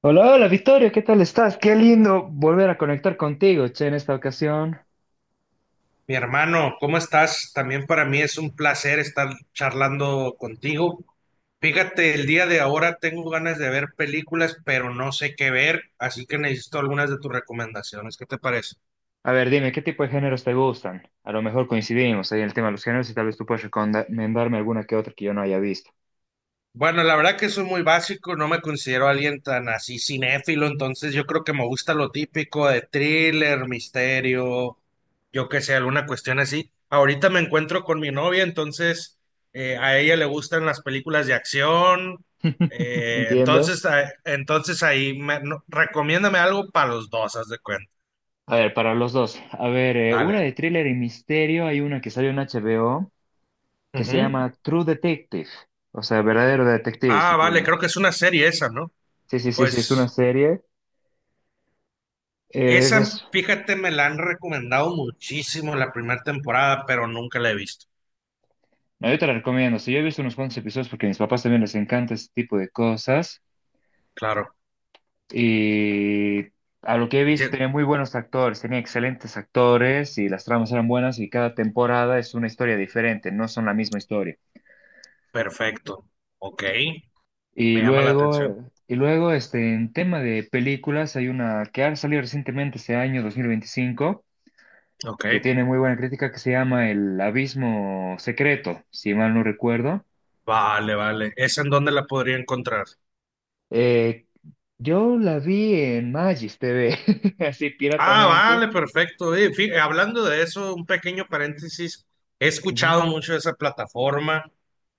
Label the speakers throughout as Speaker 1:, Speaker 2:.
Speaker 1: Hola, hola Victoria, ¿qué tal estás? Qué lindo volver a conectar contigo, che, en esta ocasión.
Speaker 2: Mi hermano, ¿cómo estás? También para mí es un placer estar charlando contigo. Fíjate, el día de ahora tengo ganas de ver películas, pero no sé qué ver, así que necesito algunas de tus recomendaciones. ¿Qué te parece?
Speaker 1: A ver, dime, ¿qué tipo de géneros te gustan? A lo mejor coincidimos ahí en el tema de los géneros y tal vez tú puedes recomendarme alguna que otra que yo no haya visto.
Speaker 2: Bueno, la verdad que soy muy básico, no me considero alguien tan así cinéfilo, entonces yo creo que me gusta lo típico de thriller, misterio, yo qué sé, alguna cuestión así. Ahorita me encuentro con mi novia, entonces a ella le gustan las películas de acción,
Speaker 1: Entiendo.
Speaker 2: entonces ahí me, no- recomiéndame algo para los dos, haz de cuenta.
Speaker 1: A ver, para los dos. A ver, una
Speaker 2: Vale.
Speaker 1: de thriller y misterio, hay una que salió en HBO que se
Speaker 2: Ujú.
Speaker 1: llama True Detective, o sea, verdadero detective si
Speaker 2: Ah, vale,
Speaker 1: quieres.
Speaker 2: creo que es una serie esa, ¿no?
Speaker 1: Sí, sí, sí, sí, es
Speaker 2: Pues.
Speaker 1: una serie. Eh,
Speaker 2: Esa,
Speaker 1: des-
Speaker 2: fíjate, me la han recomendado muchísimo la primera temporada, pero nunca la he visto.
Speaker 1: No, yo te la recomiendo. Sí, yo he visto unos cuantos episodios porque a mis papás también les encanta este tipo de cosas.
Speaker 2: Claro.
Speaker 1: Y a lo que he
Speaker 2: Y
Speaker 1: visto,
Speaker 2: dice,
Speaker 1: tenía muy buenos actores, tenía excelentes actores y las tramas eran buenas y cada temporada es una historia diferente, no son la misma historia.
Speaker 2: perfecto. Ok.
Speaker 1: Y
Speaker 2: Me llama la atención.
Speaker 1: luego, y luego este, en tema de películas, hay una que ha salido recientemente este año, 2025,
Speaker 2: Ok.
Speaker 1: que tiene muy buena crítica, que se llama El Abismo Secreto, si mal no recuerdo.
Speaker 2: Vale, vale. ¿Esa en dónde la podría encontrar?
Speaker 1: Eh, yo la vi en Magis TV, así
Speaker 2: Ah,
Speaker 1: piratamente.
Speaker 2: vale, perfecto. Hablando de eso, un pequeño paréntesis. He escuchado mucho de esa plataforma,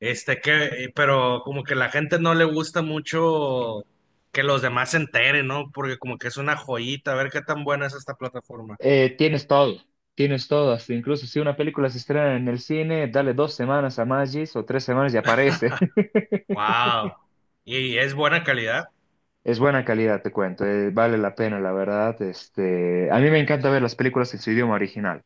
Speaker 2: este que, pero como que la gente no le gusta mucho que los demás se enteren, ¿no? Porque como que es una joyita, a ver qué tan buena es esta plataforma.
Speaker 1: Eh, tienes todo, tienes todo, hasta incluso si una película se estrena en el cine, dale dos semanas a Magis o tres semanas y aparece.
Speaker 2: Wow. ¿Y es buena calidad?
Speaker 1: Es buena calidad, te cuento, vale la pena, la verdad. Este, a mí me encanta ver las películas en su idioma original.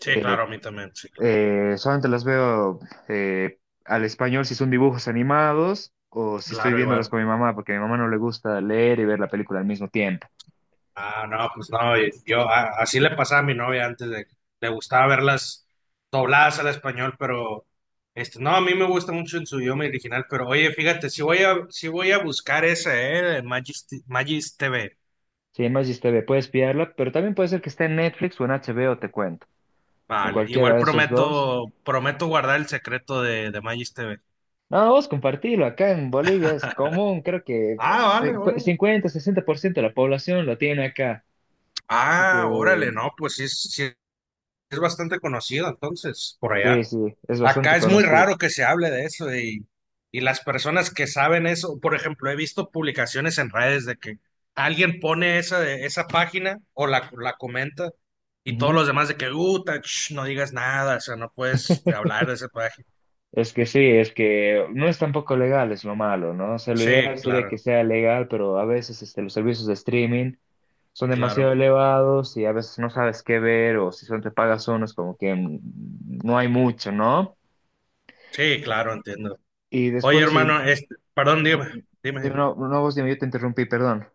Speaker 2: Sí,
Speaker 1: Eh,
Speaker 2: claro, a mí también, sí, claro.
Speaker 1: solamente las veo eh, al español si son dibujos animados o si estoy
Speaker 2: Claro,
Speaker 1: viéndolas
Speaker 2: igual.
Speaker 1: con mi mamá, porque a mi mamá no le gusta leer y ver la película al mismo tiempo.
Speaker 2: Ah, no, pues no, y yo así le pasaba a mi novia antes de le gustaba verlas dobladas al español, pero este, no, a mí me gusta mucho en su idioma original, pero oye, fíjate, si voy a buscar esa, de Magis TV.
Speaker 1: Sí, Magis TV, puedes pillarla, pero también puede ser que esté en Netflix o en HBO, te cuento. En
Speaker 2: Vale,
Speaker 1: cualquiera
Speaker 2: igual
Speaker 1: de esos dos.
Speaker 2: prometo guardar el secreto de Magis TV.
Speaker 1: No, no, vos compartilo, acá en Bolivia es común, creo que
Speaker 2: Ah, vale, órale.
Speaker 1: 50, 60% de la población lo tiene acá. Así que
Speaker 2: Ah, órale, no, pues sí, sí es bastante conocido entonces por allá.
Speaker 1: sí, sí, es bastante
Speaker 2: Acá es muy
Speaker 1: conocido.
Speaker 2: raro que se hable de eso y las personas que saben eso, por ejemplo, he visto publicaciones en redes de que alguien pone esa, esa página o la comenta y todos
Speaker 1: Ujú.
Speaker 2: los demás de que, no digas nada, o sea, no puedes hablar de esa página.
Speaker 1: Es que sí, es que no es tampoco legal, es lo malo, ¿no? O sea, lo
Speaker 2: Sí,
Speaker 1: ideal sería que
Speaker 2: claro,
Speaker 1: sea legal, pero a veces este, los servicios de streaming son
Speaker 2: claro,
Speaker 1: demasiado elevados y a veces no sabes qué ver o si son te pagas uno es como que no hay mucho, ¿no?
Speaker 2: sí, claro, entiendo.
Speaker 1: Y
Speaker 2: Oye,
Speaker 1: después,
Speaker 2: hermano, este, perdón, dime, dime.
Speaker 1: no, no, vos dime, yo te interrumpí, perdón.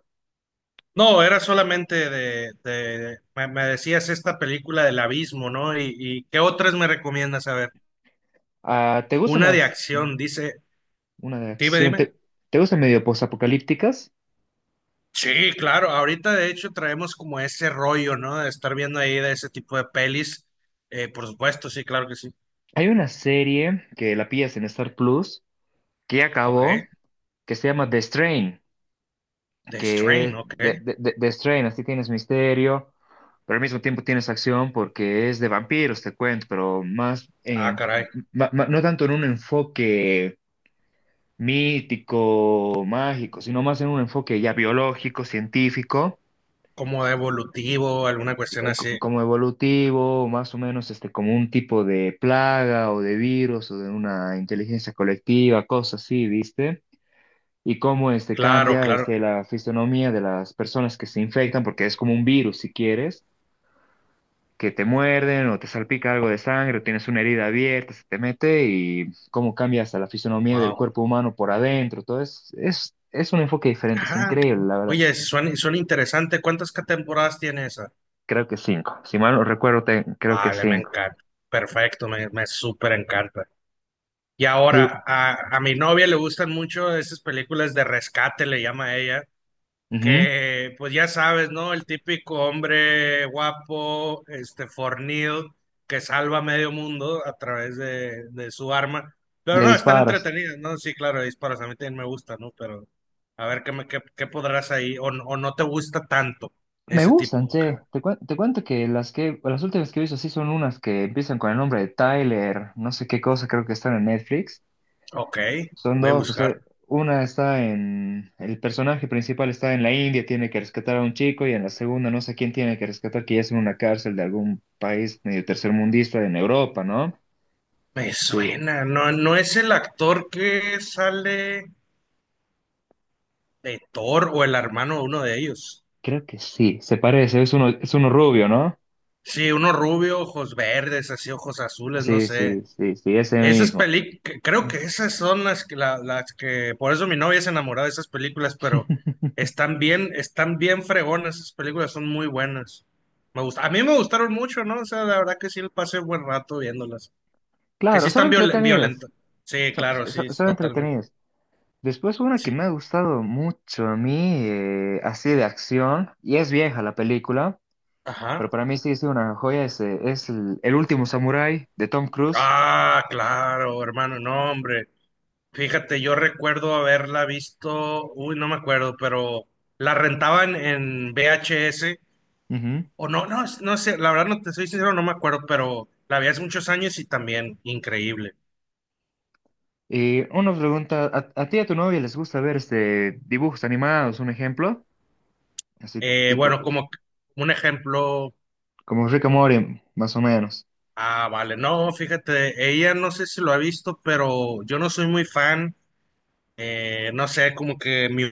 Speaker 2: No, era solamente me, me decías esta película del abismo, ¿no? Y ¿qué otras me recomiendas? A ver.
Speaker 1: Ah, ¿te gustan
Speaker 2: Una de
Speaker 1: las?
Speaker 2: acción, dice.
Speaker 1: Una de
Speaker 2: Dime,
Speaker 1: acción.
Speaker 2: dime.
Speaker 1: Te gustan medio postapocalípticas?
Speaker 2: Sí, claro. Ahorita de hecho traemos como ese rollo, ¿no? De estar viendo ahí de ese tipo de pelis. Por supuesto, sí, claro que sí.
Speaker 1: Hay una serie que la pillas en Star Plus que ya
Speaker 2: Ok.
Speaker 1: acabó, que se llama The Strain,
Speaker 2: The
Speaker 1: que
Speaker 2: Strain, ok.
Speaker 1: de- The Strain, así tienes misterio, pero al mismo tiempo tienes acción porque es de vampiros, te cuento, pero más,
Speaker 2: Ah, caray.
Speaker 1: no tanto en un enfoque mítico, mágico, sino más en un enfoque ya biológico, científico.
Speaker 2: Como de evolutivo, alguna cuestión así.
Speaker 1: Como evolutivo, más o menos este, como un tipo de plaga o de virus o de una inteligencia colectiva, cosas así, ¿viste? Y cómo este,
Speaker 2: Claro,
Speaker 1: cambia
Speaker 2: claro.
Speaker 1: este, la fisonomía de las personas que se infectan, porque es como un virus, si quieres, que te muerden o te salpica algo de sangre o tienes una herida abierta, se te mete y cómo cambia hasta la fisonomía del
Speaker 2: Wow.
Speaker 1: cuerpo humano por adentro. Todo es un enfoque diferente, es
Speaker 2: Ah, ok.
Speaker 1: increíble, la verdad.
Speaker 2: Oye, suena, suena interesante. ¿Cuántas temporadas tiene esa?
Speaker 1: Creo que cinco. Si mal no recuerdo, creo que
Speaker 2: Vale, me
Speaker 1: cinco.
Speaker 2: encanta. Perfecto, me súper encanta. Y
Speaker 1: Y,
Speaker 2: ahora, a mi novia le gustan mucho esas películas de rescate, le llama a ella
Speaker 1: ujú.
Speaker 2: que pues ya sabes, ¿no? El típico hombre guapo, este, fornido, que salva a medio mundo a través de su arma. Pero
Speaker 1: De
Speaker 2: no, están
Speaker 1: disparos.
Speaker 2: entretenidas, ¿no? Sí, claro, disparos, a mí también me gusta, ¿no? Pero a ver qué, qué podrás ahí, o no te gusta tanto
Speaker 1: Me
Speaker 2: ese tipo
Speaker 1: gustan,
Speaker 2: de
Speaker 1: che.
Speaker 2: género.
Speaker 1: Te cuento que las últimas que he visto sí son unas que empiezan con el nombre de Tyler, no sé qué cosa, creo que están en Netflix.
Speaker 2: Ok,
Speaker 1: Son
Speaker 2: voy a
Speaker 1: dos, o
Speaker 2: buscar.
Speaker 1: sea, una está en, el personaje principal está en la India, tiene que rescatar a un chico, y en la segunda no sé quién tiene que rescatar, que ya es en una cárcel de algún país medio tercermundista en Europa, ¿no?
Speaker 2: Me
Speaker 1: Que
Speaker 2: suena, no, no es el actor que sale de Thor o el hermano de uno de ellos.
Speaker 1: creo que sí, se parece, es uno rubio, ¿no?
Speaker 2: Sí, uno rubio, ojos verdes, así ojos azules, no
Speaker 1: Sí,
Speaker 2: sé.
Speaker 1: sí, sí, sí, ese
Speaker 2: Esas
Speaker 1: mismo.
Speaker 2: películas, creo que esas son las que, las que, por eso mi novia se enamoró de esas películas, pero están bien fregonas, esas películas son muy buenas. Me gusta, a mí me gustaron mucho, ¿no? O sea, la verdad que sí le pasé buen rato viéndolas. Que sí
Speaker 1: Claro, son
Speaker 2: están
Speaker 1: entretenidas.
Speaker 2: violentas. Sí,
Speaker 1: Son,
Speaker 2: claro, sí,
Speaker 1: son- son
Speaker 2: totalmente.
Speaker 1: entretenidas. Después una que
Speaker 2: Sí,
Speaker 1: me ha gustado mucho a mí, así de acción, y es vieja la película, pero
Speaker 2: ajá.
Speaker 1: para mí sí es una joya, El último samurái de Tom Cruise.
Speaker 2: Ah, claro, hermano, no, hombre. Fíjate, yo recuerdo haberla visto, uy, no me acuerdo, pero la rentaban en VHS.
Speaker 1: Ujú.
Speaker 2: O no, no, no sé, la verdad no te soy sincero, no me acuerdo, pero la vi hace muchos años y también increíble.
Speaker 1: Y una pregunta, a ti y a tu novia les gusta ver este, dibujos animados, un ejemplo? Así
Speaker 2: Eh,
Speaker 1: tipo,
Speaker 2: bueno, como c- un ejemplo,
Speaker 1: como Rick and Morty, más o menos.
Speaker 2: ah, vale, no, fíjate, ella no sé si lo ha visto, pero yo no soy muy fan, no sé, como que mi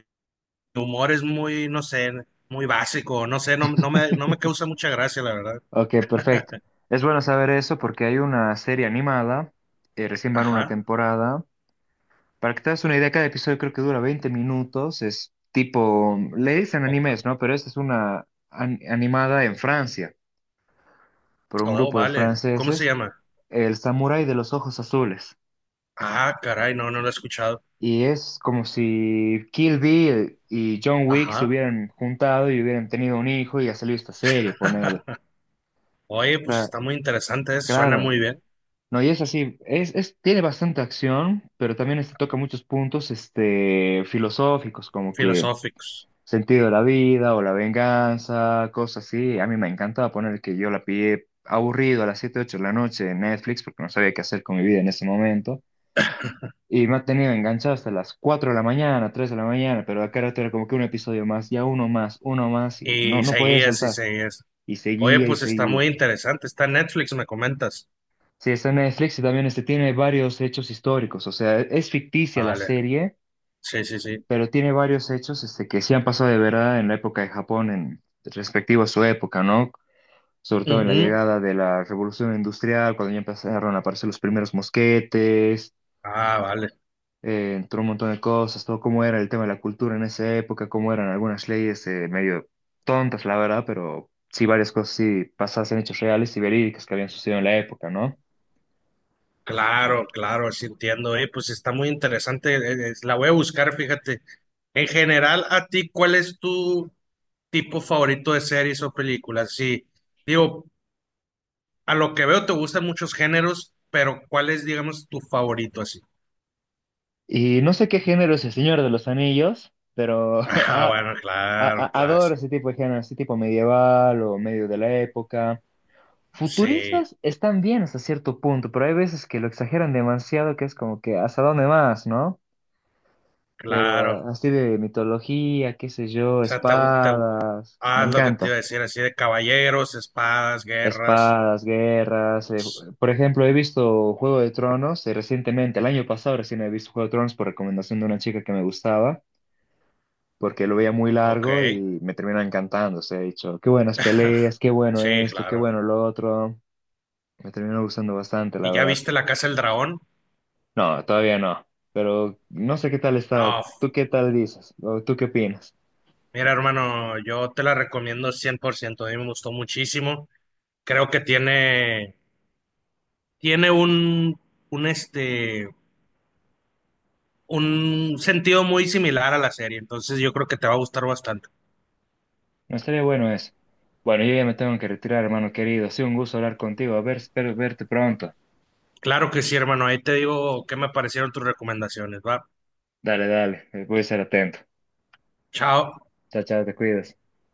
Speaker 2: humor es muy, no sé, muy básico, no sé, no me causa mucha gracia, la verdad.
Speaker 1: Ok, perfecto. Es bueno saber eso porque hay una serie animada, recién van una
Speaker 2: Ajá,
Speaker 1: temporada. Para que te das una idea, cada episodio creo que dura 20 minutos. Es tipo, le dicen
Speaker 2: oh,
Speaker 1: animes, ¿no? Pero esta es una animada en Francia, por un
Speaker 2: oh,
Speaker 1: grupo de
Speaker 2: vale, ¿cómo se
Speaker 1: franceses,
Speaker 2: llama?
Speaker 1: El Samurái de los Ojos Azules.
Speaker 2: Ah, caray, no, no lo he escuchado.
Speaker 1: Y es como si Kill Bill y John Wick se
Speaker 2: Ajá,
Speaker 1: hubieran juntado y hubieran tenido un hijo y ha salido esta serie, ponele. O
Speaker 2: oye, pues
Speaker 1: sea,
Speaker 2: está muy interesante, eso, suena muy
Speaker 1: claro.
Speaker 2: bien,
Speaker 1: No, y es así, tiene bastante acción, pero también este toca muchos puntos este, filosóficos, como que
Speaker 2: filosóficos.
Speaker 1: sentido de la vida o la venganza, cosas así. A mí me encantaba poner que yo la pillé aburrido a las 7 8 de la noche en Netflix porque no sabía qué hacer con mi vida en ese momento. Y me ha tenido enganchado hasta las 4 de la mañana, 3 de la mañana, pero acá rato era como que un episodio más, ya uno más, y no,
Speaker 2: Y
Speaker 1: no podía
Speaker 2: seguías y
Speaker 1: soltar.
Speaker 2: seguías.
Speaker 1: Y
Speaker 2: Oye,
Speaker 1: seguía y
Speaker 2: pues está
Speaker 1: seguía.
Speaker 2: muy interesante. Está en Netflix, me comentas.
Speaker 1: Sí, está en Netflix y también este tiene varios hechos históricos, o sea, es ficticia la
Speaker 2: Vale,
Speaker 1: serie,
Speaker 2: sí, sí, sí.
Speaker 1: pero tiene varios hechos este, que sí han pasado de verdad en la época de Japón, en respectivo a su época, ¿no? Sobre todo en la
Speaker 2: Ujú.
Speaker 1: llegada de la revolución industrial, cuando ya empezaron a aparecer los primeros mosquetes,
Speaker 2: Ah, vale.
Speaker 1: entró un montón de cosas, todo cómo era el tema de la cultura en esa época, cómo eran algunas leyes medio tontas, la verdad, pero sí varias cosas sí pasadas en hechos reales y verídicas que habían sucedido en la época, ¿no?
Speaker 2: Claro, claro, sí entiendo. Oye, pues está muy interesante. La voy a buscar, fíjate. En general, a ti, ¿cuál es tu tipo favorito de series o películas? Sí, digo, a lo que veo te gustan muchos géneros, pero ¿cuál es, digamos, tu favorito así?
Speaker 1: Y no sé qué género es el Señor de los Anillos, pero
Speaker 2: Ah, bueno, claro, claro.
Speaker 1: adoro ese tipo de género, ese tipo medieval o medio de la época.
Speaker 2: Sí,
Speaker 1: Futuristas están bien hasta cierto punto, pero hay veces que lo exageran demasiado, que es como que hasta dónde más, ¿no? Pero
Speaker 2: claro.
Speaker 1: ah, así de mitología, qué sé yo,
Speaker 2: O sea,
Speaker 1: espadas,
Speaker 2: ah,
Speaker 1: me
Speaker 2: lo que te iba a
Speaker 1: encanta.
Speaker 2: decir, así de caballeros, espadas, guerras.
Speaker 1: Espadas, guerras. Por ejemplo, he visto Juego de Tronos recientemente, el año pasado recién he visto Juego de Tronos por recomendación de una chica que me gustaba, porque lo veía muy
Speaker 2: Ok.
Speaker 1: largo y me terminó encantando. Se ha dicho, qué buenas peleas, qué bueno
Speaker 2: Sí,
Speaker 1: esto, qué
Speaker 2: claro.
Speaker 1: bueno lo otro. Me terminó gustando bastante,
Speaker 2: ¿Y
Speaker 1: la
Speaker 2: ya
Speaker 1: verdad.
Speaker 2: viste La Casa del Dragón?
Speaker 1: No, todavía no. Pero no sé qué tal está.
Speaker 2: No,
Speaker 1: ¿Tú qué tal dices? ¿O tú qué opinas?
Speaker 2: mira, hermano, yo te la recomiendo cien por ciento. A mí me gustó muchísimo. Creo que tiene, tiene un, un, este, un sentido muy similar a la serie. Entonces, yo creo que te va a gustar bastante.
Speaker 1: No estaría bueno eso. Bueno, yo ya me tengo que retirar, hermano querido. Ha sido un gusto hablar contigo. A ver, espero verte pronto.
Speaker 2: Claro que sí, hermano. Ahí te digo qué me parecieron tus recomendaciones, ¿va?
Speaker 1: Dale, dale. Voy a ser atento.
Speaker 2: Chao.
Speaker 1: Chao, chao, te cuidas.